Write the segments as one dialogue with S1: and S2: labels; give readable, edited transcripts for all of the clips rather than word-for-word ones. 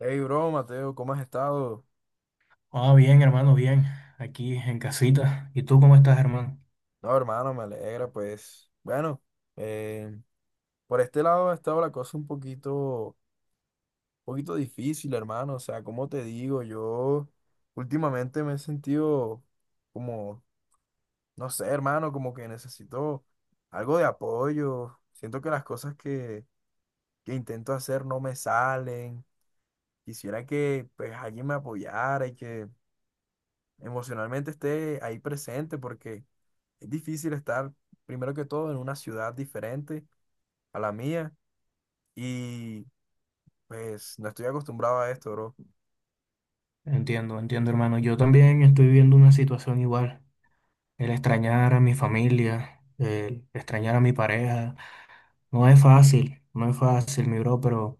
S1: Hey, bro, Mateo, ¿cómo has estado?
S2: Ah, bien, hermano, bien. Aquí en casita. ¿Y tú cómo estás, hermano?
S1: No, hermano, me alegra, pues. Bueno, eh, por este lado ha estado la cosa un poquito, poquito difícil, hermano. O sea, como te digo, yo últimamente me he sentido como, no sé, hermano, como que necesito algo de apoyo. Siento que que intento hacer no me salen. Quisiera que, pues, alguien me apoyara y que emocionalmente esté ahí presente porque es difícil estar, primero que todo, en una ciudad diferente a la mía y pues no estoy acostumbrado a esto, bro.
S2: Entiendo, hermano. Yo también estoy viviendo una situación igual. El extrañar a mi familia, el extrañar a mi pareja. No es fácil, no es fácil, mi bro, pero...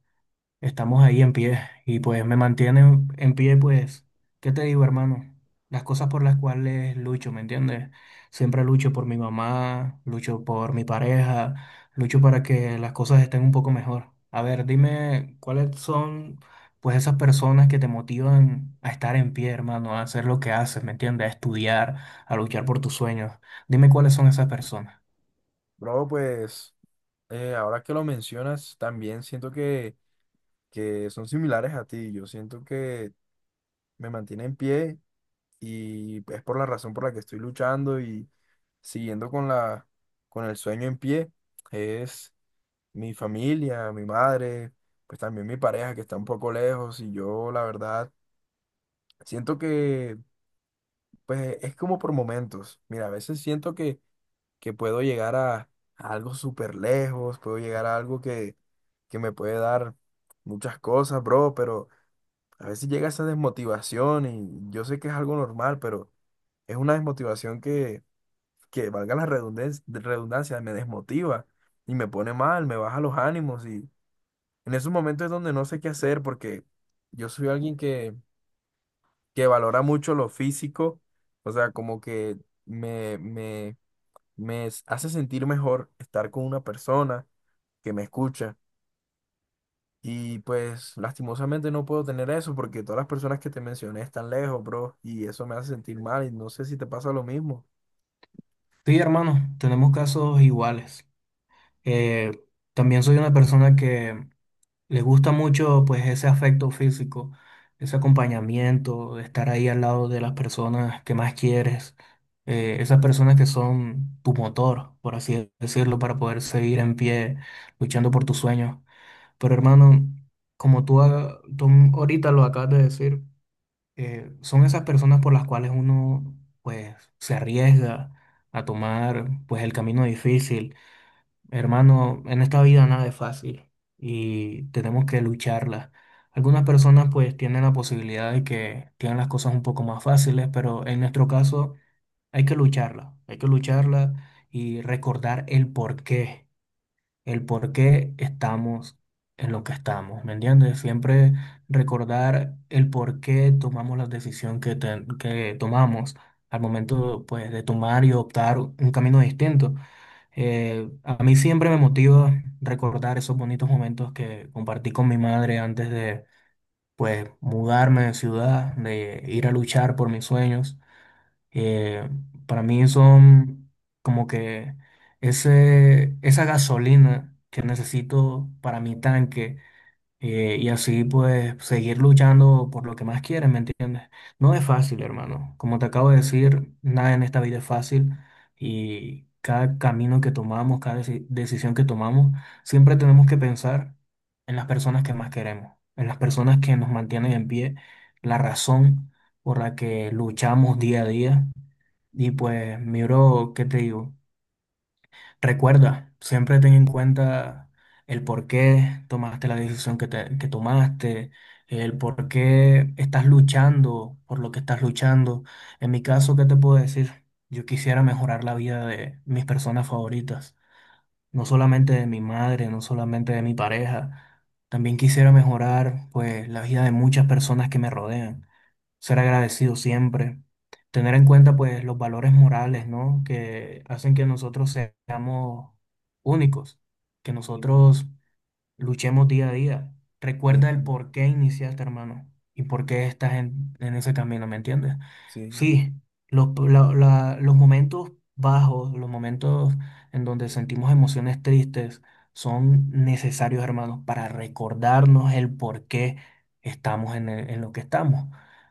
S2: Estamos ahí en pie y pues me mantienen en pie, pues, ¿qué te digo, hermano? Las cosas por las cuales lucho, ¿me entiendes? Siempre lucho por mi mamá, lucho por mi pareja, lucho para que las cosas estén un poco mejor. A ver, dime cuáles son, pues, esas personas que te motivan a estar en pie, hermano, a hacer lo que haces, ¿me entiendes? A estudiar, a luchar por tus sueños. Dime cuáles son esas personas.
S1: Bro, pues ahora que lo mencionas, también siento que son similares a ti. Yo siento que me mantiene en pie y es por la razón por la que estoy luchando y siguiendo con el sueño en pie. Es mi familia, mi madre, pues también mi pareja que está un poco lejos y yo la verdad siento que pues es como por momentos. Mira, a veces siento que puedo llegar a algo súper lejos, puedo llegar a algo que me puede dar muchas cosas, bro, pero a veces llega esa desmotivación y yo sé que es algo normal, pero es una desmotivación que, valga la redundancia, redundancia, me desmotiva y me pone mal, me baja los ánimos. En esos momentos es donde no sé qué hacer porque yo soy alguien que valora mucho lo físico. O sea, como que me, me, hace sentir mejor estar con una persona que me escucha. Y pues lastimosamente no puedo tener eso porque todas las personas que te mencioné están lejos, bro, y eso me hace sentir mal y no sé si te pasa lo mismo.
S2: Sí, hermano, tenemos casos iguales. Eh, También soy una persona que les gusta mucho pues ese afecto físico, ese acompañamiento, estar ahí al lado de las personas que más quieres, esas personas que son tu motor, por así decirlo, para poder seguir en pie luchando por tus sueños. Pero hermano, como tú, tú ahorita lo acabas de decir, son esas personas por las cuales uno pues se arriesga a tomar pues el camino difícil. Hermano, en esta vida nada es fácil y tenemos que lucharla. Algunas personas pues tienen la posibilidad de que tienen las cosas un poco más fáciles, pero en nuestro caso hay que lucharla y recordar el por qué estamos en lo que estamos, ¿me entiendes? Siempre recordar el por qué tomamos la decisión que tomamos al momento pues, de tomar y optar un camino distinto. A mí siempre me motiva recordar esos bonitos momentos que compartí con mi madre antes de, pues, mudarme de ciudad, de ir a luchar por mis sueños. Eh, para mí son como que esa gasolina que necesito para mi tanque, y así pues seguir luchando por lo que más quieres, ¿me entiendes? No es fácil, hermano. Como te acabo de decir, nada en esta vida es fácil y cada camino que tomamos, cada decisión que tomamos, siempre tenemos que pensar en las personas que más queremos, en las personas que nos mantienen en pie, la razón por la que luchamos día a día. Y pues, mi bro, ¿qué te digo? Recuerda, siempre ten en cuenta el por qué tomaste la decisión que tomaste, el por qué estás luchando por lo que estás luchando. En mi caso, ¿qué te puedo decir? Yo quisiera mejorar la vida de mis personas favoritas, no solamente de mi madre, no solamente de mi pareja, también quisiera mejorar pues la vida de muchas personas que me rodean, ser agradecido siempre, tener en cuenta pues los valores morales, ¿no?, que hacen que nosotros seamos únicos, que
S1: Sí,
S2: nosotros luchemos día a día.
S1: sí,
S2: Recuerda el
S1: sí,
S2: por qué iniciaste, hermano, y por qué estás en ese camino, ¿me entiendes?
S1: sí,
S2: Sí, los momentos bajos, los momentos en donde sentimos emociones tristes son necesarios, hermanos, para recordarnos el por qué estamos en lo que estamos.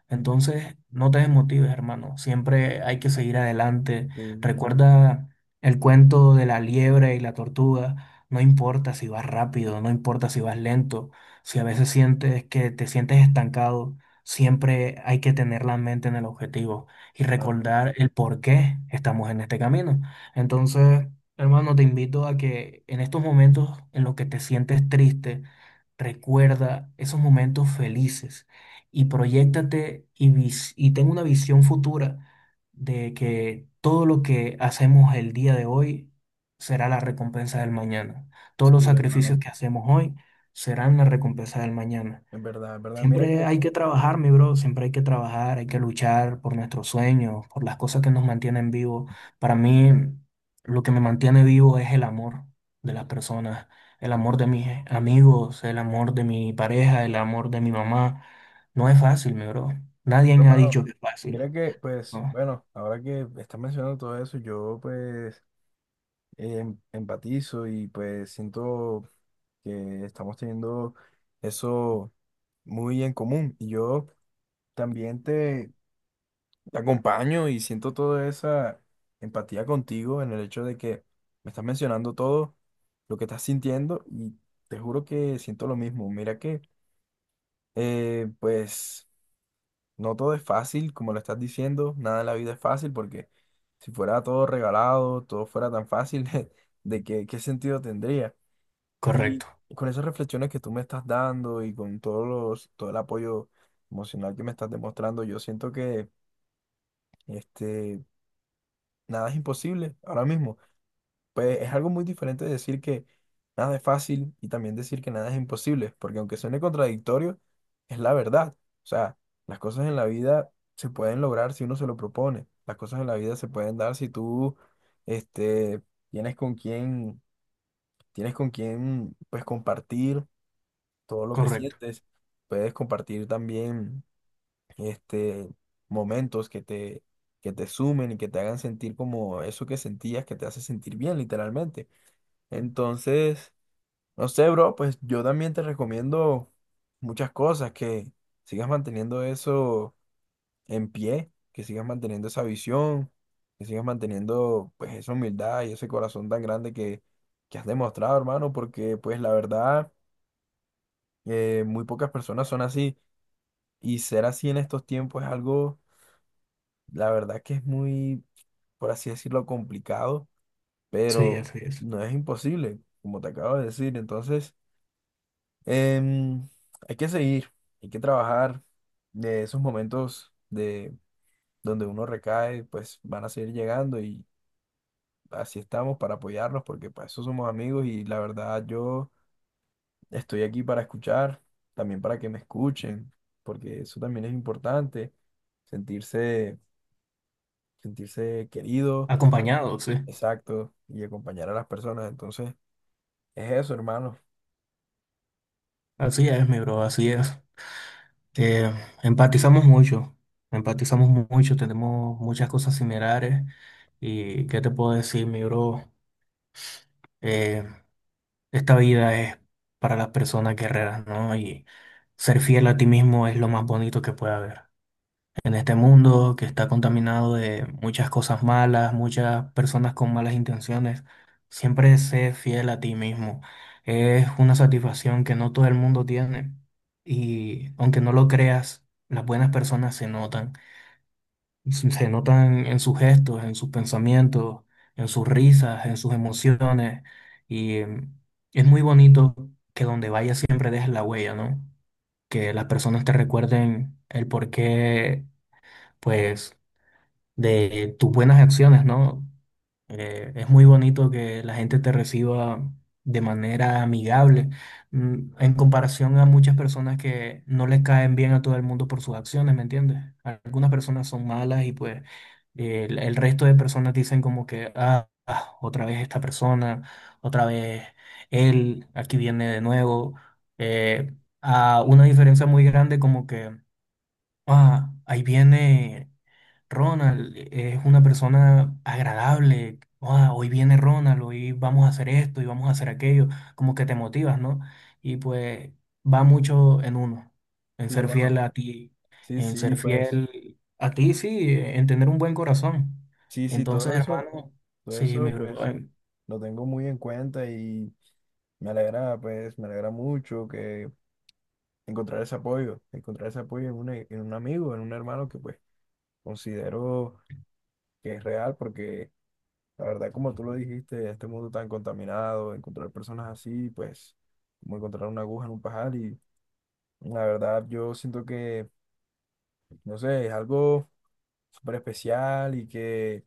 S2: Entonces, no te desmotives, hermano. Siempre hay que seguir adelante.
S1: sí,
S2: Recuerda el cuento de la liebre y la tortuga. No importa si vas rápido, no importa si vas lento, si a veces sientes que te sientes estancado, siempre hay que tener la mente en el objetivo y
S1: claro,
S2: recordar el por qué estamos en este camino. Entonces, hermano, te invito a que en estos momentos en los que te sientes triste, recuerda esos momentos felices y proyéctate y y ten una visión futura de que todo lo que hacemos el día de hoy será la recompensa del mañana. Todos los
S1: sí, hermano.
S2: sacrificios que hacemos hoy serán la recompensa del mañana.
S1: En verdad, mira
S2: Siempre
S1: que...
S2: hay que trabajar, mi bro, siempre hay que trabajar, hay que luchar por nuestros sueños, por las cosas que nos mantienen vivos. Para mí, lo que me mantiene vivo es el amor de las personas, el amor de mis amigos, el amor de mi pareja, el amor de mi mamá. No es fácil, mi bro. Nadie me ha
S1: Hermano,
S2: dicho que es fácil,
S1: mira que, pues,
S2: ¿no?
S1: bueno, ahora que estás mencionando todo eso, yo pues empatizo y pues siento que estamos teniendo eso muy en común. Y yo también te, te acompaño y siento toda esa empatía contigo en el hecho de que me estás mencionando todo lo que estás sintiendo y te juro que siento lo mismo. Mira que, pues... No todo es fácil, como lo estás diciendo, nada en la vida es fácil porque si fuera todo regalado, todo fuera tan fácil, ¿de qué, qué sentido tendría? Y
S2: Correcto,
S1: con esas reflexiones que tú me estás dando y con todo el apoyo emocional que me estás demostrando, yo siento que, este, nada es imposible ahora mismo, pues es algo muy diferente de decir que nada es fácil y también decir que nada es imposible, porque aunque suene contradictorio, es la verdad. O sea, las cosas en la vida se pueden lograr si uno se lo propone. Las cosas en la vida se pueden dar si tú, este, tienes con quién, tienes con quién, pues, compartir todo lo que
S2: correcto.
S1: sientes. Puedes compartir también, este, momentos que te sumen y que te hagan sentir como eso que sentías, que te hace sentir bien, literalmente. Entonces, no sé, bro, pues yo también te recomiendo muchas cosas, que sigas manteniendo eso en pie, que sigas manteniendo esa visión, que sigas manteniendo pues esa humildad y ese corazón tan grande que has demostrado, hermano, porque pues la verdad, muy pocas personas son así y ser así en estos tiempos es algo, la verdad que es muy, por así decirlo, complicado,
S2: Sí,
S1: pero
S2: así es.
S1: no es imposible, como te acabo de decir, entonces... Em, Hay que seguir, hay que trabajar. De esos momentos de donde uno recae, pues van a seguir llegando y así estamos para apoyarnos porque para eso somos amigos y la verdad yo estoy aquí para escuchar, también para que me escuchen, porque eso también es importante, sentirse, sentirse querido,
S2: Acompañado, sí.
S1: exacto, y acompañar a las personas. Entonces, es eso, hermano.
S2: Así es, mi bro, así es. Eh, Empatizamos mucho, empatizamos mucho, tenemos muchas cosas similares. ¿Y qué te puedo decir, mi bro? Eh, Esta vida es para las personas guerreras, ¿no? Y ser fiel a ti mismo es lo más bonito que puede haber en este mundo que está contaminado de muchas cosas malas, muchas personas con malas intenciones. Siempre sé fiel a ti mismo. Es una satisfacción que no todo el mundo tiene y, aunque no lo creas, las buenas personas se notan. Se notan en sus gestos, en sus pensamientos, en sus risas, en sus emociones y es muy bonito que donde vayas siempre dejes la huella, ¿no? Que las personas te recuerden el por qué, pues, de tus buenas acciones, ¿no? Es muy bonito que la gente te reciba de manera amigable, en comparación a muchas personas que no le caen bien a todo el mundo por sus acciones, ¿me entiendes? Algunas personas son malas y pues el resto de personas dicen como que, ah, ah, otra vez esta persona, otra vez él, aquí viene de nuevo. Eh, a una diferencia muy grande, como que: ah, ahí viene Ronald, es una persona agradable. Ah, hoy viene Ronald, hoy vamos a hacer esto y vamos a hacer aquello. Como que te motivas, ¿no? Y pues va mucho en uno, en
S1: Sí,
S2: ser
S1: hermano.
S2: fiel a ti,
S1: Sí,
S2: en
S1: sí,
S2: ser
S1: pues,
S2: fiel a ti, sí, en tener un buen corazón.
S1: sí, sí,
S2: Entonces, hermano,
S1: todo
S2: sí, mi
S1: eso,
S2: bro,
S1: pues, lo tengo muy en cuenta y me alegra, pues, me alegra mucho que encontrar ese apoyo en un amigo, en un hermano que, pues, considero que es real porque, la verdad, como tú lo dijiste, este mundo tan contaminado, encontrar personas así, pues, como encontrar una aguja en un pajar y, la verdad, yo siento que, no sé, es algo súper especial y que,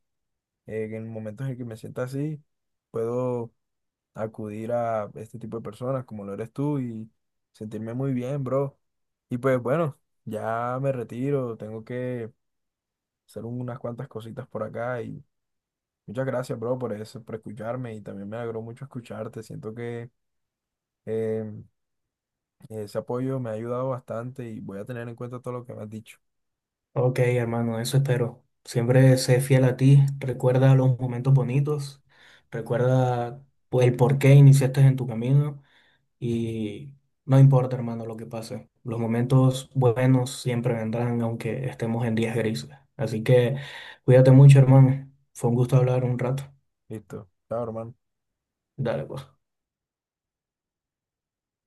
S1: en momentos en que me sienta así, puedo acudir a este tipo de personas como lo eres tú y sentirme muy bien, bro. Y pues bueno, ya me retiro, tengo que hacer unas cuantas cositas por acá y muchas gracias, bro, por eso, por escucharme y también me alegró mucho escucharte. Siento que, eh, ese apoyo me ha ayudado bastante y voy a tener en cuenta todo lo que me has dicho.
S2: ok, hermano, eso espero. Siempre sé fiel a ti, recuerda los momentos bonitos, recuerda, pues, el por qué iniciaste en tu camino y no importa, hermano, lo que pase. Los momentos buenos siempre vendrán, aunque estemos en días grises. Así que cuídate mucho, hermano. Fue un gusto hablar un rato.
S1: Listo, chao, hermano.
S2: Dale, pues.